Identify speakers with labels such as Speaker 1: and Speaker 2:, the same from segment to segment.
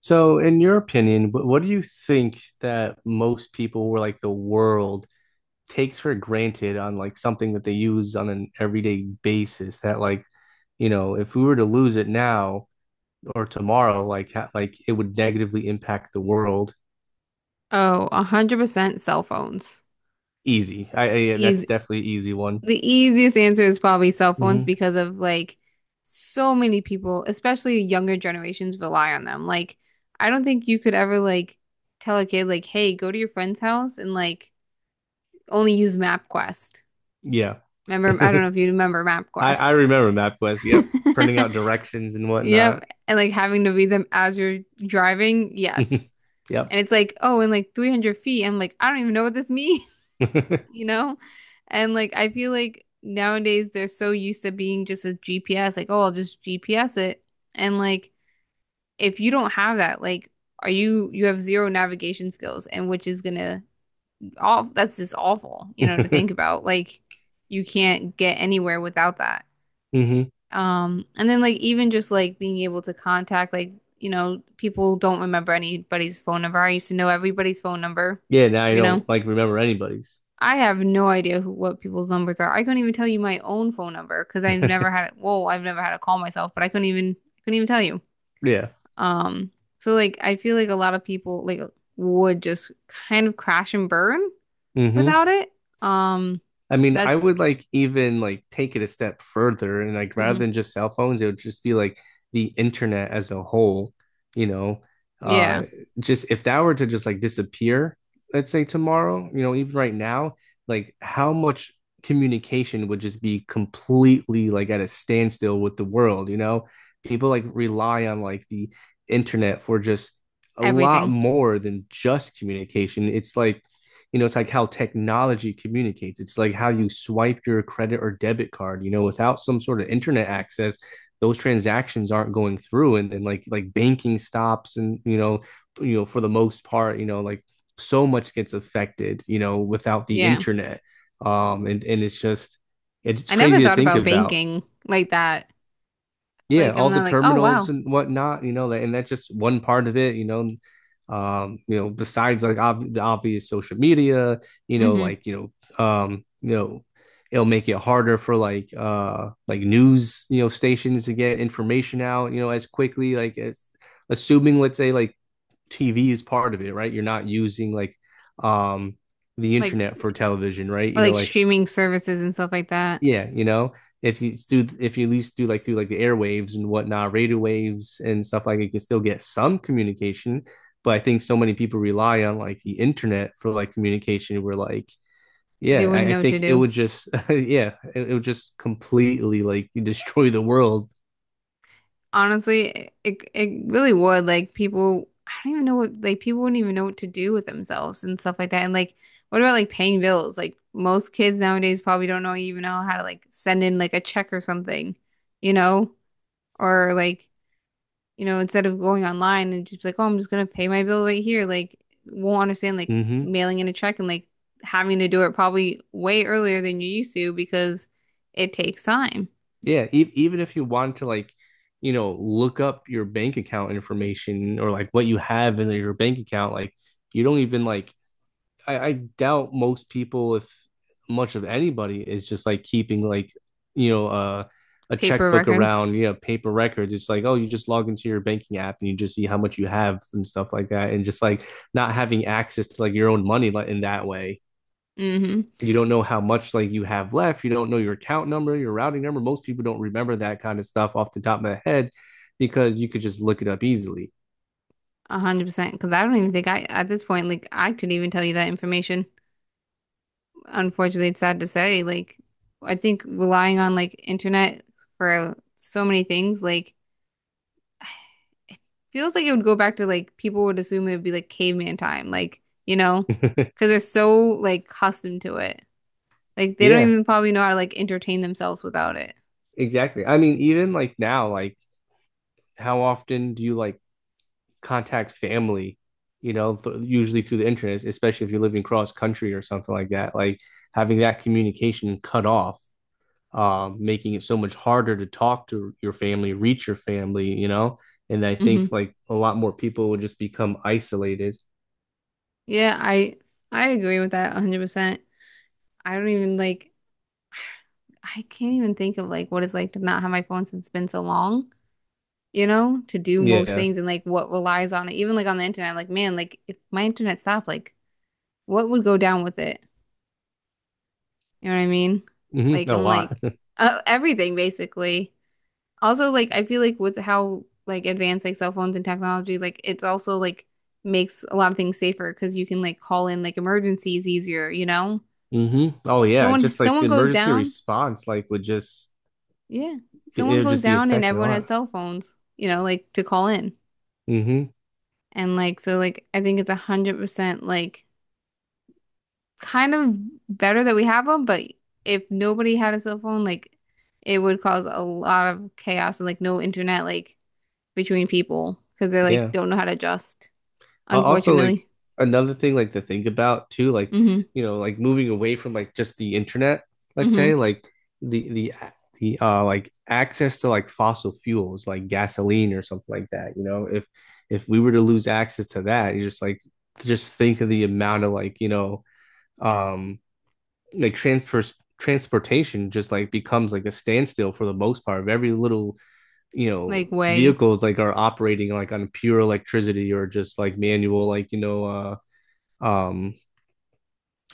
Speaker 1: So, in your opinion, what do you think that most people or like the world takes for granted on like something that they use on an everyday basis that like, you know, if we were to lose it now or tomorrow, like ha like it would negatively impact the world.
Speaker 2: Oh, 100% cell phones.
Speaker 1: Easy. I yeah, that's
Speaker 2: Easy.
Speaker 1: definitely an easy one.
Speaker 2: The easiest answer is probably cell phones
Speaker 1: Hmm.
Speaker 2: because of like so many people, especially younger generations, rely on them. Like, I don't think you could ever like tell a kid like, "Hey, go to your friend's house and like only use MapQuest."
Speaker 1: Yeah.
Speaker 2: Remember, I
Speaker 1: I
Speaker 2: don't know if you remember
Speaker 1: I
Speaker 2: MapQuest.
Speaker 1: remember MapQuest. Yep. Printing out directions and
Speaker 2: Yep,
Speaker 1: whatnot.
Speaker 2: and like having to read them as you're driving, yes. And
Speaker 1: Yep.
Speaker 2: it's like, oh, in like 300 feet, I'm like, I don't even know what this means.
Speaker 1: Hmm.
Speaker 2: You know? And like I feel like nowadays they're so used to being just a GPS, like, oh, I'll just GPS it. And like if you don't have that, like are you have zero navigation skills and which is gonna all that's just awful, you know, to think about. Like you can't get anywhere without that. And then like even just like being able to contact like you know, people don't remember anybody's phone number. I used to know everybody's phone number,
Speaker 1: Yeah, now I
Speaker 2: you know?
Speaker 1: don't like remember anybody's.
Speaker 2: I have no idea who what people's numbers are. I couldn't even tell you my own phone number because I've never had Whoa, I've never had to call myself, but I couldn't even tell you.
Speaker 1: Yeah.
Speaker 2: Um, so like I feel like a lot of people like would just kind of crash and burn
Speaker 1: Hmm.
Speaker 2: without it. Um,
Speaker 1: I mean, I
Speaker 2: that's
Speaker 1: would like even like take it a step further and like rather
Speaker 2: mhm.
Speaker 1: than just cell phones, it would just be like the internet as a whole, you know.
Speaker 2: Yeah,
Speaker 1: Uh just if that were to just like disappear, let's say tomorrow, you know, even right now, like how much communication would just be completely like at a standstill with the world, you know? People like rely on like the internet for just a lot
Speaker 2: everything.
Speaker 1: more than just communication. It's like you know, it's like how technology communicates. It's like how you swipe your credit or debit card, you know, without some sort of internet access, those transactions aren't going through and like banking stops and you know, for the most part, you know, like so much gets affected, you know, without the
Speaker 2: Yeah.
Speaker 1: internet. And it's just it's
Speaker 2: I never
Speaker 1: crazy to
Speaker 2: thought
Speaker 1: think
Speaker 2: about
Speaker 1: about
Speaker 2: banking like that.
Speaker 1: yeah,
Speaker 2: Like I'm
Speaker 1: all the
Speaker 2: not like, oh
Speaker 1: terminals
Speaker 2: wow.
Speaker 1: and whatnot, you know, and that's just one part of it, you know. You know, besides like the obvious social media, you know,
Speaker 2: hmm
Speaker 1: like you know, it'll make it harder for like news, you know, stations to get information out, you know, as quickly like as assuming let's say like TV is part of it, right? You're not using like um the
Speaker 2: Like
Speaker 1: internet for television, right? You
Speaker 2: or like
Speaker 1: know, like
Speaker 2: streaming services and stuff like that.
Speaker 1: yeah, you know, if you do, if you at least do like through like the airwaves and whatnot, radio waves and stuff like it, you can still get some communication. But I think so many people rely on like the internet for like communication. We're like,
Speaker 2: They
Speaker 1: yeah, I,
Speaker 2: wouldn't
Speaker 1: I
Speaker 2: know what to
Speaker 1: think it
Speaker 2: do.
Speaker 1: would just, yeah, it would just completely like destroy the world.
Speaker 2: Honestly, it really would. Like people, I don't even know what like people wouldn't even know what to do with themselves and stuff like that. And like, what about like paying bills? Like most kids nowadays probably don't know even know how to like send in like a check or something, you know? Or like, you know, instead of going online and just like, oh, I'm just gonna pay my bill right here. Like, won't understand like
Speaker 1: Hmm.
Speaker 2: mailing in a check and like having to do it probably way earlier than you used to because it takes time.
Speaker 1: Yeah, even if you want to like, you know, look up your bank account information or like what you have in your bank account, like you don't even like I doubt most people, if much of anybody, is just like keeping like you know a
Speaker 2: Paper
Speaker 1: checkbook
Speaker 2: records.
Speaker 1: around, you know, paper records. It's like oh, you just log into your banking app and you just see how much you have and stuff like that, and just like not having access to like your own money like in that way.
Speaker 2: Hmm
Speaker 1: You don't know how much like you have left. You don't know your account number, your routing number. Most people don't remember that kind of stuff off the top of their head because you could just look it up easily.
Speaker 2: 100%. Because I don't even think I, at this point, like I could even tell you that information. Unfortunately, it's sad to say. Like, I think relying on like internet for so many things, like it feels like it would go back to like people would assume it would be like caveman time, like you know, because they're so like accustomed to it. Like they don't
Speaker 1: Yeah,
Speaker 2: even probably know how to like entertain themselves without it.
Speaker 1: exactly. I mean, even like now, like how often do you like contact family, you know, usually through the internet, especially if you're living cross country or something like that. Like having that communication cut off, making it so much harder to talk to your family, reach your family, you know. And I think
Speaker 2: Hmm
Speaker 1: like a lot more people would just become isolated.
Speaker 2: Yeah, I agree with that 100%. I don't even like I can't even think of like what it's like to not have my phone since it's been so long. You know, to do most
Speaker 1: Yeah.
Speaker 2: things and like what relies on it. Even like on the internet, like man, like if my internet stopped, like what would go down with it? You know what I mean?
Speaker 1: Mm-hmm.
Speaker 2: Like
Speaker 1: A
Speaker 2: I'm
Speaker 1: lot.
Speaker 2: like everything basically. Also, like I feel like with how like advanced like cell phones and technology, like it's also like makes a lot of things safer because you can like call in like emergencies easier, you know?
Speaker 1: Hmm. Oh yeah.
Speaker 2: Someone
Speaker 1: Just like
Speaker 2: someone
Speaker 1: the
Speaker 2: goes
Speaker 1: emergency
Speaker 2: down,
Speaker 1: response, like would just
Speaker 2: yeah.
Speaker 1: it
Speaker 2: Someone
Speaker 1: would
Speaker 2: goes
Speaker 1: just be
Speaker 2: down and
Speaker 1: affected a
Speaker 2: everyone
Speaker 1: lot.
Speaker 2: has cell phones, you know, like to call in.
Speaker 1: Hmm.
Speaker 2: And like so like I think it's 100% like kind of better that we have them, but if nobody had a cell phone, like it would cause a lot of chaos and like no internet like between people because they like
Speaker 1: Yeah.
Speaker 2: don't know how to adjust,
Speaker 1: Also, like
Speaker 2: unfortunately.
Speaker 1: another thing like to think about too, like
Speaker 2: Hmm
Speaker 1: you know, like moving away from like just the internet, let's
Speaker 2: hmm
Speaker 1: say like the the the like access to like fossil fuels like gasoline or something like that, you know, if we were to lose access to that, you just like just think of the amount of like, you know, um like transportation just like becomes like a standstill for the most part of every little you know
Speaker 2: Like way.
Speaker 1: vehicles like are operating like on pure electricity or just like manual like you know uh um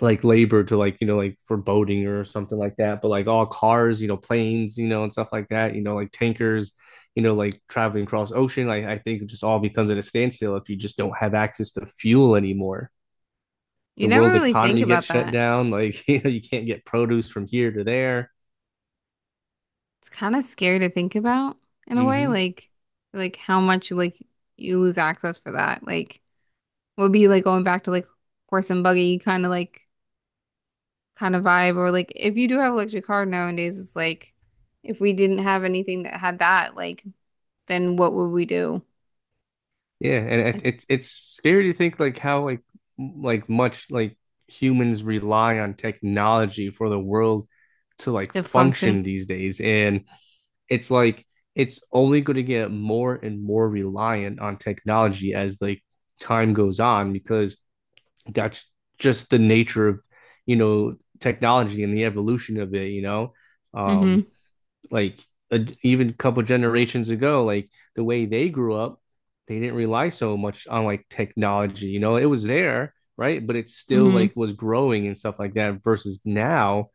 Speaker 1: like labor to like you know like for boating or something like that, but like all cars, you know, planes, you know, and stuff like that, you know, like tankers, you know, like traveling across ocean, like I think it just all becomes at a standstill if you just don't have access to fuel anymore.
Speaker 2: You
Speaker 1: The
Speaker 2: never
Speaker 1: world
Speaker 2: really think
Speaker 1: economy gets
Speaker 2: about
Speaker 1: shut
Speaker 2: that.
Speaker 1: down. Like, you know, you can't get produce from here to there.
Speaker 2: It's kind of scary to think about in a way,
Speaker 1: Hmm.
Speaker 2: like how much like you lose access for that. Like would be like going back to like horse and buggy kind of like kind of vibe. Or like if you do have an electric car nowadays, it's like if we didn't have anything that had that, like then what would we do.
Speaker 1: Yeah, and it,
Speaker 2: Like,
Speaker 1: it's it's scary to think like how like like much like humans rely on technology for the world to like
Speaker 2: to function?
Speaker 1: function these days, and it's like it's only going to get more and more reliant on technology as like time goes on because that's just the nature of you know technology and the evolution of it, you know.
Speaker 2: Mm-hmm.
Speaker 1: Um, like even a couple generations ago, like the way they grew up, they didn't rely so much on like technology. You know, it was there, right? But it still
Speaker 2: Mm-hmm.
Speaker 1: like was growing and stuff like that. Versus now,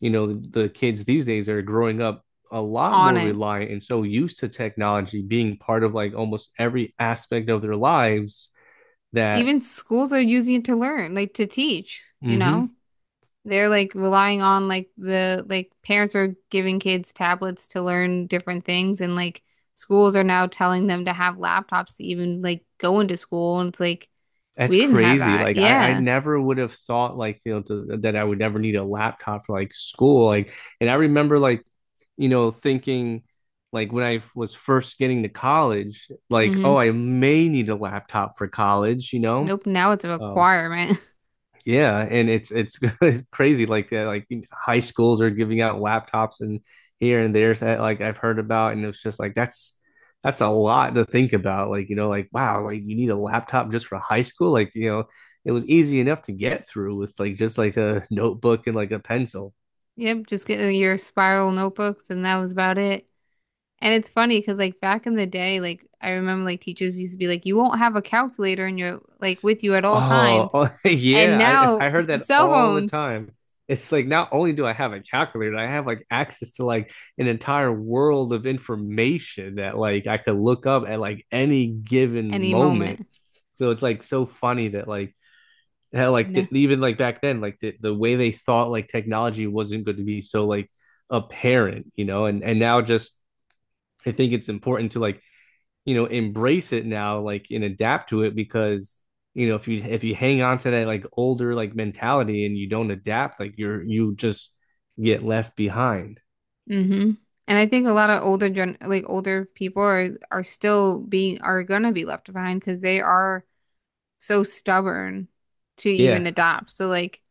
Speaker 1: you know, the kids these days are growing up a lot
Speaker 2: On
Speaker 1: more
Speaker 2: it.
Speaker 1: reliant and so used to technology being part of like almost every aspect of their lives that
Speaker 2: Even schools are using it to learn, like to teach, you
Speaker 1: mm-hmm,
Speaker 2: know? They're like relying on like the like parents are giving kids tablets to learn different things and like schools are now telling them to have laptops to even like go into school and it's like
Speaker 1: that's
Speaker 2: we didn't have
Speaker 1: crazy.
Speaker 2: that.
Speaker 1: Like I
Speaker 2: Yeah.
Speaker 1: never would have thought like you know that I would never need a laptop for like school. Like, and I remember like you know thinking like when I was first getting to college, like oh
Speaker 2: Mm-hmm.
Speaker 1: I may need a laptop for college. You know,
Speaker 2: Nope, now it's a
Speaker 1: um,
Speaker 2: requirement.
Speaker 1: yeah, and it's crazy. Like high schools are giving out laptops and here and there. That like I've heard about, and it's just like that's a lot to think about. Like you know, like wow, like you need a laptop just for high school. Like you know, it was easy enough to get through with like just like a notebook and like a pencil.
Speaker 2: Yep, just get your spiral notebooks, and that was about it. And it's funny because like back in the day, like I remember like teachers used to be like, you won't have a calculator in your like with you at all
Speaker 1: Oh,
Speaker 2: times.
Speaker 1: oh,
Speaker 2: And
Speaker 1: yeah, I
Speaker 2: now
Speaker 1: heard that
Speaker 2: cell
Speaker 1: all the
Speaker 2: phones
Speaker 1: time. It's like not only do I have a calculator, I have like access to like an entire world of information that like I could look up at like any given
Speaker 2: any
Speaker 1: moment.
Speaker 2: moment.
Speaker 1: So it's like so funny that like how like
Speaker 2: No.
Speaker 1: even like back then like the way they thought like technology wasn't going to be so like apparent, you know, and now just I think it's important to like you know, embrace it now, like and adapt to it because you know if you hang on to that like older like mentality and you don't adapt, like you're you just get left behind.
Speaker 2: Mm-hmm. And I think a lot of older gen like older people are still being are gonna be left behind because they are so stubborn to even
Speaker 1: Yeah.
Speaker 2: adopt. So like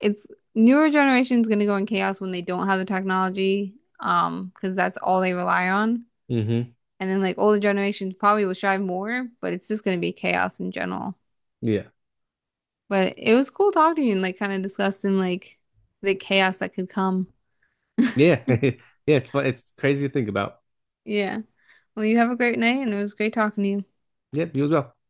Speaker 2: it's newer generations going to go in chaos when they don't have the technology, because that's all they rely on.
Speaker 1: Mm-hmm.
Speaker 2: And then like older generations probably will strive more, but it's just going to be chaos in general.
Speaker 1: Yeah.
Speaker 2: But it was cool talking to you and like kind of discussing like the chaos that could come.
Speaker 1: Yeah. Yeah. It's fun. It's crazy to think about.
Speaker 2: Yeah. Well, you have a great night and it was great talking to you.
Speaker 1: Yep. You as well.